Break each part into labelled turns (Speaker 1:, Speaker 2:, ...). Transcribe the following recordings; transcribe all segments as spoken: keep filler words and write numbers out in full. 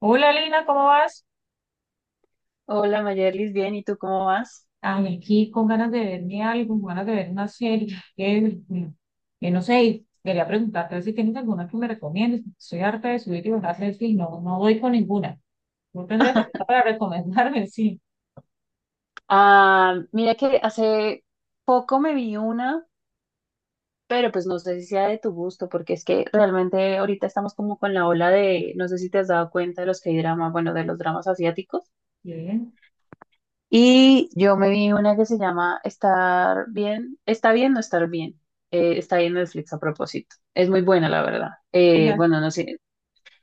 Speaker 1: Hola Lina, ¿cómo vas?
Speaker 2: Hola Mayerlis, bien, ¿y tú cómo vas?
Speaker 1: Ay, aquí con ganas de verme algo, con ganas de ver una serie. Que, mm, que no sé, y quería preguntarte si tienes alguna que me recomiendes. Soy harta de subir y bajar Netflix, no, no doy con ninguna. No tendrías que para recomendarme, sí.
Speaker 2: Ah, mira que hace poco me vi una, pero pues no sé si sea de tu gusto, porque es que realmente ahorita estamos como con la ola de, no sé si te has dado cuenta de los K-dramas, bueno, de los dramas asiáticos.
Speaker 1: Bien.
Speaker 2: Y yo me vi una que se llama Estar bien, está bien no estar bien. Eh, está ahí en Netflix a propósito. Es muy buena, la verdad. Eh,
Speaker 1: Fíjate,
Speaker 2: bueno, no sé,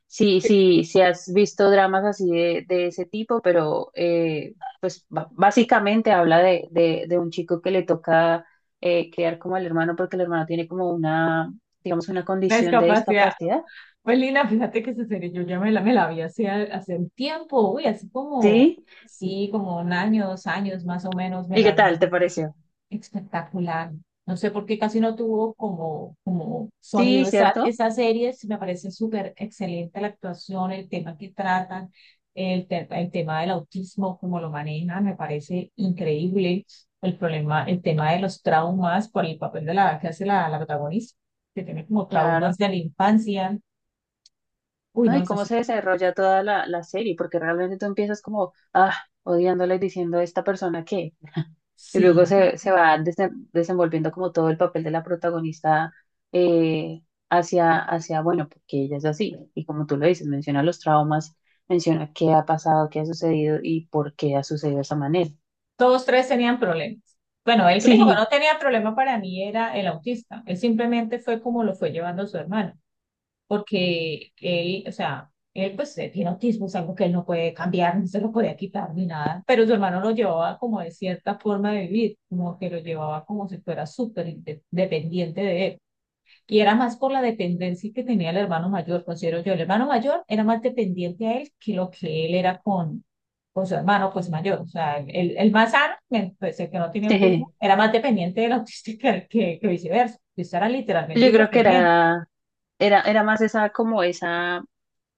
Speaker 2: Sí, sí, sí has visto dramas así de, de ese tipo, pero eh, pues ba- básicamente habla de, de, de un chico que le toca eh, criar como al hermano porque el hermano tiene como una, digamos, una
Speaker 1: la
Speaker 2: condición de
Speaker 1: discapacidad.
Speaker 2: discapacidad.
Speaker 1: Pues Lina, fíjate que esa serie yo ya me la, me la vi hace, hace un tiempo, uy, hace como,
Speaker 2: ¿Sí?
Speaker 1: sí, como un año, dos años más o menos me
Speaker 2: ¿Y qué
Speaker 1: la
Speaker 2: tal te
Speaker 1: vi.
Speaker 2: pareció?
Speaker 1: Espectacular. No sé por qué casi no tuvo como, como
Speaker 2: Sí,
Speaker 1: sonido esa,
Speaker 2: ¿cierto?
Speaker 1: esa serie. Sí, me parece súper excelente la actuación, el tema que tratan, el, te- el tema del autismo, cómo lo manejan, me parece increíble. El problema, el tema de los traumas por el papel de la que hace la, la protagonista, que tiene como
Speaker 2: Claro.
Speaker 1: traumas de la infancia. Uy,
Speaker 2: ¿No?
Speaker 1: no,
Speaker 2: ¿Y
Speaker 1: es
Speaker 2: cómo
Speaker 1: así.
Speaker 2: se desarrolla toda la, la serie? Porque realmente tú empiezas como, ah, odiándola y diciendo, ¿esta persona qué? Y luego
Speaker 1: Sí,
Speaker 2: se, se va desen- desenvolviendo como todo el papel de la protagonista eh, hacia, hacia, bueno, porque ella es así. Y como tú lo dices, menciona los traumas, menciona qué ha pasado, qué ha sucedido y por qué ha sucedido de esa manera.
Speaker 1: todos tres tenían problemas. Bueno, el único que no
Speaker 2: Sí,
Speaker 1: tenía problema para mí era el autista. Él simplemente fue como lo fue llevando su hermano. Porque él, o sea, él pues eh, tiene autismo, es algo que él no puede cambiar, no se lo podía quitar ni nada, pero su hermano lo llevaba como de cierta forma de vivir, como que lo llevaba como si fuera súper inde- dependiente de él. Y era más por la dependencia que tenía el hermano mayor, considero yo. El hermano mayor era más dependiente a él que lo que él era con, con su hermano, pues mayor. O sea, el, el más sano, me- pues, el que no tiene autismo,
Speaker 2: jeje.
Speaker 1: era más dependiente del autista que, que, que viceversa. Ellos eran literalmente
Speaker 2: Yo creo que
Speaker 1: independientes.
Speaker 2: era, era, era más esa, como esa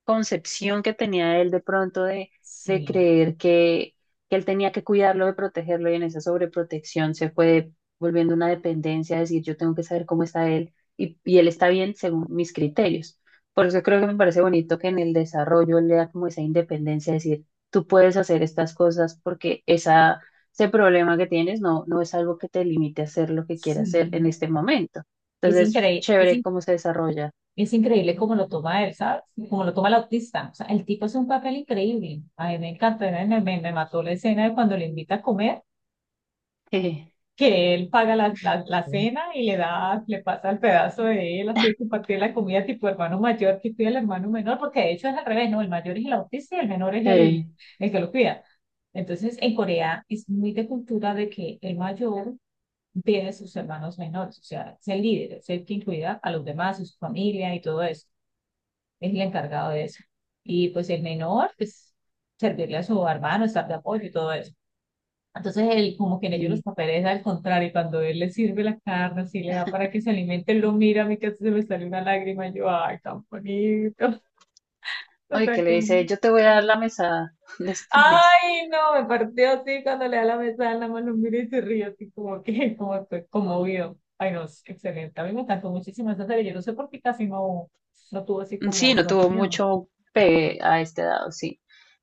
Speaker 2: concepción que tenía él de pronto de, de
Speaker 1: Sí,
Speaker 2: creer que, que él tenía que cuidarlo, de protegerlo, y en esa sobreprotección se fue volviendo una dependencia, decir, yo tengo que saber cómo está él y, y él está bien según mis criterios. Por eso creo que me parece bonito que en el desarrollo él le da como esa independencia, decir, tú puedes hacer estas cosas porque esa, ese problema que tienes no, no es algo que te limite a hacer lo que quieras hacer
Speaker 1: sí.
Speaker 2: en este momento.
Speaker 1: Y es
Speaker 2: Entonces,
Speaker 1: increíble, es,
Speaker 2: chévere
Speaker 1: in-
Speaker 2: cómo se desarrolla.
Speaker 1: es increíble cómo lo toma él, ¿sabes? Cómo lo toma el autista. O sea, el tipo hace un papel increíble. A mí me encantó, me, me- me mató la escena de cuando le invita a comer,
Speaker 2: Sí,
Speaker 1: que él paga la, la, la cena y le da, le pasa el pedazo de él, así de compartir la comida tipo hermano mayor que cuida al hermano menor, porque de hecho es al revés, ¿no? El mayor es el autista y el menor es el,
Speaker 2: sí.
Speaker 1: el que lo cuida. Entonces, en Corea es muy de cultura de que el mayor pide sus hermanos menores, o sea, es el líder, es el que incluirá a los demás, a su familia y todo eso, es el encargado de eso. Y pues el menor, pues servirle a su hermano, estar de apoyo y todo eso. Entonces, él, como que en ellos los
Speaker 2: Sí.
Speaker 1: papeles al contrario, cuando él le sirve la carne, así le da para que se alimente, él lo mira, a mí casi se me sale una lágrima, y yo, ay, tan bonito. O
Speaker 2: Oye,
Speaker 1: sea,
Speaker 2: que le
Speaker 1: como.
Speaker 2: dice, yo te voy a dar la mesada de este mes.
Speaker 1: Ay, no, me partió así cuando le da la mesa, nada más lo miro y se ríe así como que, como que conmovido. Ay, no, es excelente. A mí me encantó muchísimo esa serie. Yo no sé por qué casi no, no tuvo así
Speaker 2: Sí,
Speaker 1: como
Speaker 2: no tuvo
Speaker 1: sonido.
Speaker 2: mucho pegue a este dado, sí.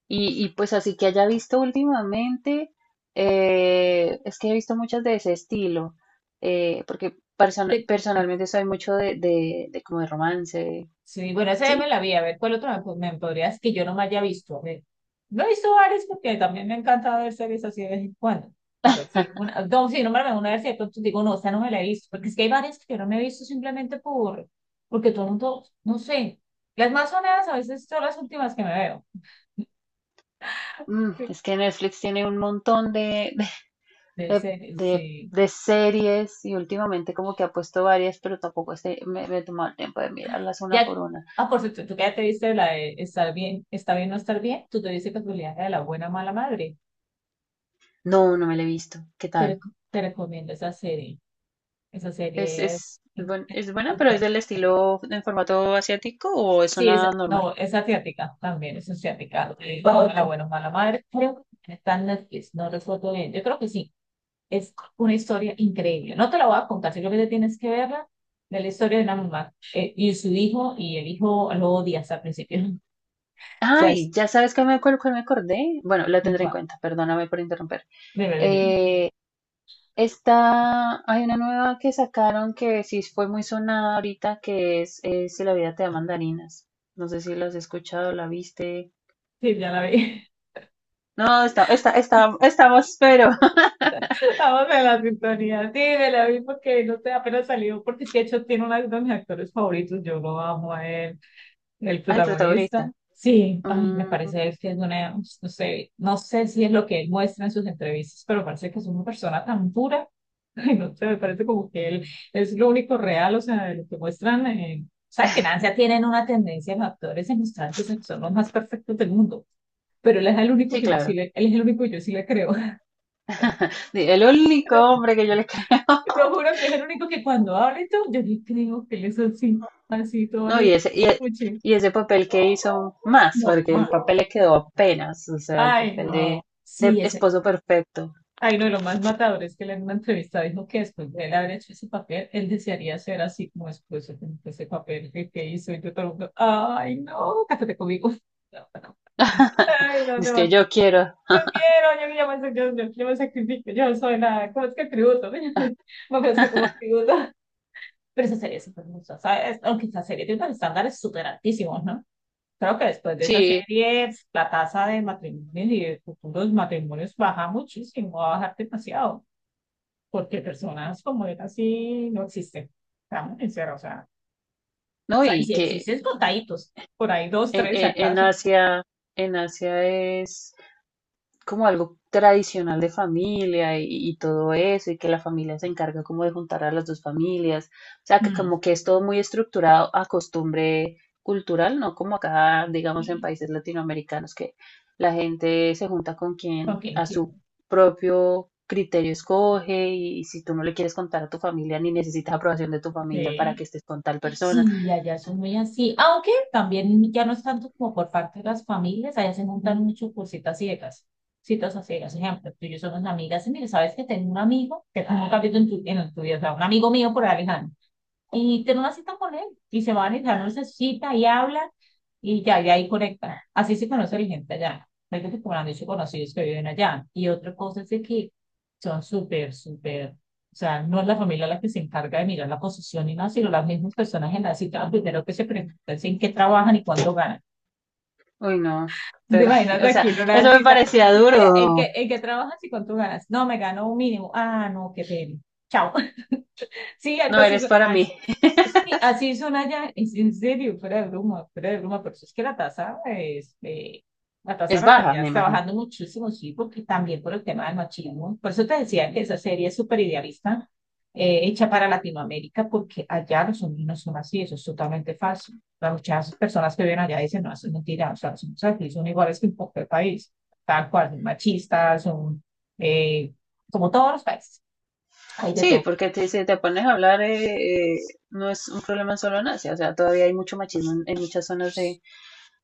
Speaker 2: Y, y pues así que haya visto últimamente, eh, es que he visto muchas de ese estilo, eh, porque persona- personalmente soy mucho de, de, de como de romance,
Speaker 1: Sí, bueno, esa ya me
Speaker 2: sí.
Speaker 1: la vi. A ver, ¿cuál otro me, po- me podrías que yo no me haya visto? A ver, no he visto varias porque también me encanta ver series así de vez en cuando. Pero sí, una, no, sí, nómbrame una, a ver si de pronto digo, no, esta no me la he visto. Porque es que hay varias que yo no me he visto simplemente por, porque todo el mundo, no sé. Las más sonadas a veces son las últimas que me veo.
Speaker 2: Mm,
Speaker 1: Sí.
Speaker 2: es que Netflix tiene un montón de,
Speaker 1: De
Speaker 2: de,
Speaker 1: series,
Speaker 2: de,
Speaker 1: sí.
Speaker 2: de series y últimamente como que ha puesto varias, pero tampoco este, me, me he tomado el tiempo de mirarlas una
Speaker 1: Ya,
Speaker 2: por una.
Speaker 1: ah, por cierto, tú que ya te viste la de Estar bien, está bien no estar bien, ¿tú te viste casualidad la de La Buena Mala Madre?
Speaker 2: No, no me la he visto. ¿Qué
Speaker 1: Te,
Speaker 2: tal?
Speaker 1: reco- te recomiendo esa serie. Esa
Speaker 2: ¿Es,
Speaker 1: serie es,
Speaker 2: es, es
Speaker 1: es
Speaker 2: buen- es buena,
Speaker 1: muy
Speaker 2: pero es
Speaker 1: buena.
Speaker 2: del estilo en formato asiático o es
Speaker 1: Sí, es,
Speaker 2: una normal?
Speaker 1: no, es asiática también, es asiática. Eh, La buena, bueno, mala madre. Creo que está en Netflix, no recuerdo bien. Yo creo que sí. Es una historia increíble. No te la voy a contar, sino que te tienes que verla de la historia de una mamá eh, y su hijo, y el hijo lo odia hasta el principio. O sea,
Speaker 2: Ay,
Speaker 1: es,
Speaker 2: ya sabes que me, acuer- cuál me acordé. Bueno, la
Speaker 1: es
Speaker 2: tendré en
Speaker 1: guau.
Speaker 2: cuenta, perdóname por interrumpir.
Speaker 1: Dime, dime.
Speaker 2: Eh, esta, Hay una nueva que sacaron que sí fue muy sonada ahorita, que es, eh, Si la vida te da mandarinas. No sé si la has escuchado, la viste.
Speaker 1: Sí, ya la vi.
Speaker 2: No, está, está, está, estamos, pero
Speaker 1: Estamos en la sintonía. Sí, me la vi porque no sé, apenas salió, porque es que de hecho tiene uno de mis actores favoritos. Yo lo amo a él. El
Speaker 2: al protagonista.
Speaker 1: protagonista. Sí, ay, me
Speaker 2: Mm,
Speaker 1: parece es que es una, no sé, no sé si es lo que él muestra en sus entrevistas, pero parece que es una persona tan pura. Ay, no sé, me parece como que él es lo único real, o sea, de lo que muestran. Eh, o sea, que en Asia tienen una tendencia los actores en mostrar pues, que son los más perfectos del mundo, pero él es el único
Speaker 2: sí,
Speaker 1: que yo sí
Speaker 2: claro.
Speaker 1: le, él es el único que yo sí le creo.
Speaker 2: El único
Speaker 1: Pero
Speaker 2: hombre que yo le creo.
Speaker 1: te lo juro que es el único que cuando habla y todo, yo le creo que él es así, así todo
Speaker 2: No,
Speaker 1: le
Speaker 2: y ese, y, e-
Speaker 1: escuche.
Speaker 2: y ese papel que hizo más,
Speaker 1: No,
Speaker 2: porque el papel le quedó apenas, o sea, el
Speaker 1: ay,
Speaker 2: papel
Speaker 1: no.
Speaker 2: de, de
Speaker 1: Sí, ese.
Speaker 2: esposo perfecto.
Speaker 1: Ay, no, y lo más matador es que él en una entrevista dijo que después de él haber hecho ese papel, él desearía ser así como después de ese papel que, que hizo. Y yo todo el mundo, ay, no, cásate conmigo. No, no. Ay, no,
Speaker 2: Es
Speaker 1: no,
Speaker 2: que yo quiero.
Speaker 1: yo quiero, yo, yo, me, yo, yo, yo me sacrifico, yo no soy nada, ¿cómo es que tributo? Me ofrezco como tributo. Pero esa serie es súper hermosa, ¿sabes? Aunque esa serie tiene unos estándares súper altísimos, ¿no? Creo que después de esa
Speaker 2: Sí,
Speaker 1: serie, pues, la tasa de matrimonios y de futuros matrimonios baja muchísimo, va a bajar demasiado, porque personas como él así no existen. Estamos sinceros, o sea, o
Speaker 2: no,
Speaker 1: sea, y
Speaker 2: y
Speaker 1: si
Speaker 2: que
Speaker 1: existen contaditos, por ahí dos,
Speaker 2: en,
Speaker 1: tres si
Speaker 2: en, en
Speaker 1: acaso.
Speaker 2: Asia, en Asia es como algo tradicional de familia y, y todo eso, y que la familia se encarga como de juntar a las dos familias, o sea, que
Speaker 1: Mm,
Speaker 2: como que es todo muy estructurado a costumbre cultural, no como acá, digamos, en países latinoamericanos, que la gente se junta con quien
Speaker 1: ¿Con quién
Speaker 2: a su propio criterio escoge y, y si tú no le quieres contar a tu familia ni necesitas aprobación de tu familia para
Speaker 1: quiere?
Speaker 2: que estés con tal persona.
Speaker 1: Sí, y allá son muy así, aunque también ya no es tanto como por parte de las familias, allá se montan mucho por citas ciegas, citas a ciegas, ejemplo, tú y yo somos amigas, y mire, sabes que tengo un amigo, que tú nunca has visto en tu, en tu vida, o sea, un amigo mío por Alejandro, y ten una cita con él y se van y dan una cita y hablan y ya, y ahí conectan. Así se conoce la gente allá. No que como han dicho conocidos que viven allá. Y otra cosa es de que son súper, súper, o sea, no es la familia la que se encarga de mirar la posición ni nada, sino las mismas personas en la cita, lo primero que se preguntan es en qué trabajan y cuánto ganan.
Speaker 2: Uy, no,
Speaker 1: ¿Te
Speaker 2: ter-
Speaker 1: imaginas
Speaker 2: o sea,
Speaker 1: aquí en una
Speaker 2: eso me
Speaker 1: cita?
Speaker 2: parecía
Speaker 1: Oye, ¿en qué,
Speaker 2: duro,
Speaker 1: en qué trabajas y cuánto ganas? No, me gano un mínimo. Ah, no, qué pena. Chao. Sí, algo
Speaker 2: no
Speaker 1: así
Speaker 2: eres
Speaker 1: son,
Speaker 2: para
Speaker 1: así,
Speaker 2: mí,
Speaker 1: sí, sí, así son allá, es en serio, fuera de broma, fuera de broma, pero eso es que la tasa es, eh, la tasa
Speaker 2: es
Speaker 1: de
Speaker 2: baja,
Speaker 1: natalidad
Speaker 2: me
Speaker 1: está
Speaker 2: imagino.
Speaker 1: bajando muchísimo, sí, porque también por el tema del machismo. Por eso te decía que esa serie es súper idealista, eh, hecha para Latinoamérica, porque allá los hombres no son así, eso es totalmente falso. Las muchas personas que viven allá dicen, no, eso es mentira, o sea, los hombres aquí son iguales que en cualquier país, tal cual, son machistas, son, eh, como todos los países, hay de
Speaker 2: Sí,
Speaker 1: todo.
Speaker 2: porque te- si te pones a hablar, eh, eh, no es un problema solo en Asia, o sea, todavía hay mucho machismo en, en muchas zonas de,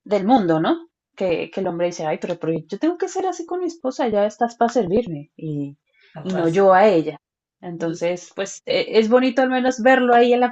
Speaker 2: del mundo, ¿no? Que, que el hombre dice, ay, pero, pero yo tengo que ser así con mi esposa, ya estás para servirme y, y
Speaker 1: Ahora,
Speaker 2: no yo a ella.
Speaker 1: Entonces,
Speaker 2: Entonces, pues
Speaker 1: eh,
Speaker 2: e- es bonito al menos verlo ahí en la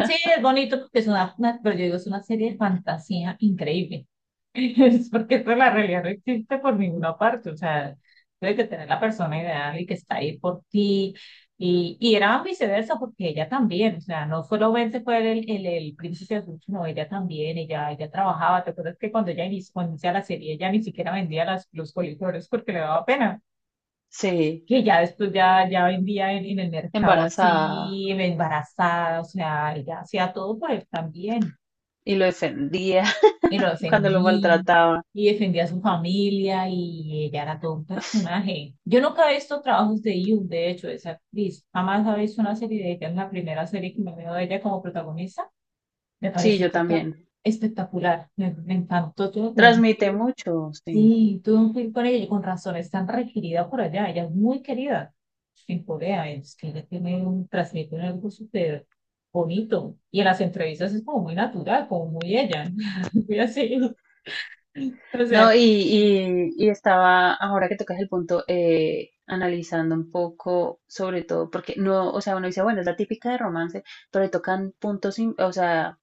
Speaker 1: sí, es bonito porque es una, una- pero yo digo, es una serie de fantasía increíble. Es porque esto, la realidad no existe por ninguna parte. O sea, tienes que tener la persona ideal y que está ahí por ti. Y, y era viceversa porque ella también, o sea, no solo solamente fue el, el, el príncipe azul, sino ella también, ella, ella trabajaba. ¿Te acuerdas que cuando ella inició, cuando inicia la serie, ella ni siquiera vendía las, los coliflores porque le daba pena?
Speaker 2: Sí,
Speaker 1: Que ya después ya, ya vendía en, en el mercado
Speaker 2: embarazada
Speaker 1: así, embarazada, o sea, ella hacía todo por él también.
Speaker 2: y lo defendía
Speaker 1: Y lo
Speaker 2: cuando lo
Speaker 1: defendí
Speaker 2: maltrataba.
Speaker 1: y defendía a su familia y ella era todo un personaje. Yo nunca he visto trabajos de You, de hecho, de esa actriz. Jamás he visto una serie de ella, es la primera serie que me veo de ella como protagonista. Me
Speaker 2: Sí,
Speaker 1: pareció
Speaker 2: yo
Speaker 1: espectac-
Speaker 2: también.
Speaker 1: espectacular, me, me encantó todo.
Speaker 2: Transmite mucho, sí.
Speaker 1: Sí, tuve un clip con ella y con razón es tan requerida por allá. Ella es muy querida en Corea. Es que ella tiene un, transmite un algo súper bonito. Y en las entrevistas es como muy natural, como muy ella. Muy así. O sea,
Speaker 2: No, y, y- y estaba, ahora que tocas el punto, eh, analizando un poco, sobre todo, porque no, o sea, uno dice, bueno, es la típica de romance, pero le tocan puntos, im- o sea,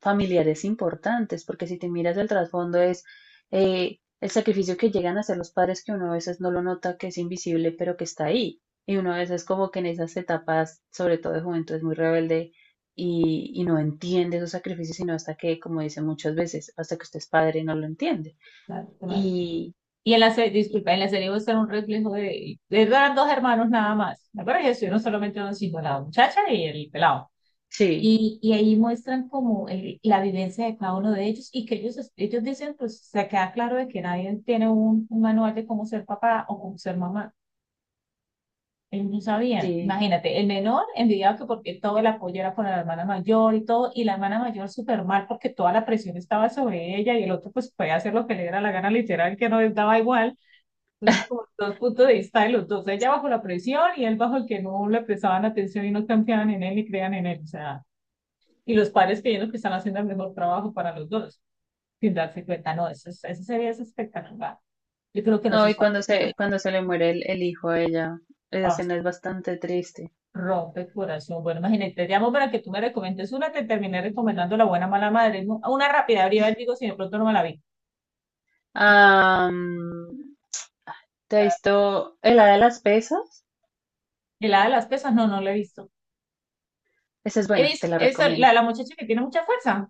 Speaker 2: familiares importantes, porque si te miras el trasfondo es eh, el sacrificio que llegan a hacer los padres, que uno a veces no lo nota, que es invisible, pero que está ahí. Y uno a veces como que en esas etapas, sobre todo de juventud, es muy rebelde y, y no entiende esos sacrificios, sino hasta que, como dicen muchas veces, hasta que usted es padre, no lo entiende.
Speaker 1: natural.
Speaker 2: Y,
Speaker 1: Y en la serie,
Speaker 2: y-
Speaker 1: disculpa, en la serie muestra un reflejo de, de eran dos hermanos nada más. La verdad, ellos estuvieron solamente uno, sino la muchacha y el pelado.
Speaker 2: sí,
Speaker 1: Y, y ahí muestran como el- la vivencia de cada uno de ellos y que ellos, ellos dicen, pues se queda claro de que nadie tiene un, un, manual de cómo ser papá o cómo ser mamá. Ellos no sabían.
Speaker 2: sí.
Speaker 1: Imagínate, el menor envidiaba que porque todo el apoyo era con la hermana mayor y todo, y la hermana mayor súper mal porque toda la presión estaba sobre ella y el otro pues podía hacer lo que le diera la gana literal, que no les daba igual. Entonces, como dos puntos de vista de los dos, ella bajo la presión y él bajo el que no le prestaban atención y no confiaban en él ni creían en él. O sea, y los padres creyendo que están haciendo el mejor trabajo para los dos, sin darse cuenta, no, eso, es- eso sería espectacular. Yo creo que nos
Speaker 2: No, y
Speaker 1: está
Speaker 2: cuando
Speaker 1: bueno,
Speaker 2: se, cuando se le muere el, el hijo a ella, esa
Speaker 1: ah,
Speaker 2: escena es bastante triste.
Speaker 1: rompe el corazón. Bueno, imagínate, te llamo para que tú me recomiendes una, te terminé recomendando La Buena Mala Madre, ¿no? Una rápida, abría el digo si de pronto no me la vi.
Speaker 2: Am, ¿te has visto el hada de las pesas?
Speaker 1: ¿El la de las pesas? No, no la he visto.
Speaker 2: Esa es
Speaker 1: He
Speaker 2: buena, te
Speaker 1: visto,
Speaker 2: la
Speaker 1: he visto la,
Speaker 2: recomiendo.
Speaker 1: la muchacha que tiene mucha fuerza.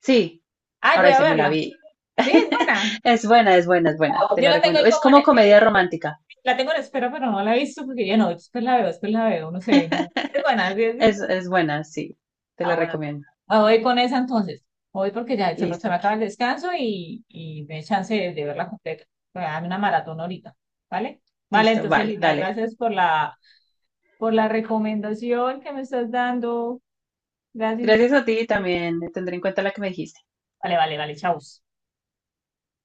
Speaker 2: Sí,
Speaker 1: Ay,
Speaker 2: ahora
Speaker 1: voy a
Speaker 2: dice, me la
Speaker 1: verla.
Speaker 2: vi.
Speaker 1: Sí, es buena.
Speaker 2: Es buena, es buena, es buena, te
Speaker 1: Yo
Speaker 2: la
Speaker 1: la tengo
Speaker 2: recomiendo.
Speaker 1: ahí
Speaker 2: Es
Speaker 1: como
Speaker 2: como
Speaker 1: en, en
Speaker 2: comedia
Speaker 1: espe-
Speaker 2: romántica.
Speaker 1: la tengo en espera, pero no la he visto porque ya no, después la veo, después la veo, no sé, no. Sí, es buena, sí, sí.
Speaker 2: Es, es buena, sí, te
Speaker 1: Ah,
Speaker 2: la
Speaker 1: bueno,
Speaker 2: recomiendo.
Speaker 1: me voy con esa entonces. Voy porque ya se se me
Speaker 2: Listo,
Speaker 1: acaba el descanso y, y me dé chance de, de verla completa. Voy a darme una maratón ahorita, ¿vale? Vale,
Speaker 2: listo,
Speaker 1: entonces,
Speaker 2: vale,
Speaker 1: Lina,
Speaker 2: dale.
Speaker 1: gracias por la, por la recomendación que me estás dando. Gracias.
Speaker 2: Gracias a ti también, tendré en cuenta la que me dijiste.
Speaker 1: Vale, vale, vale, chao.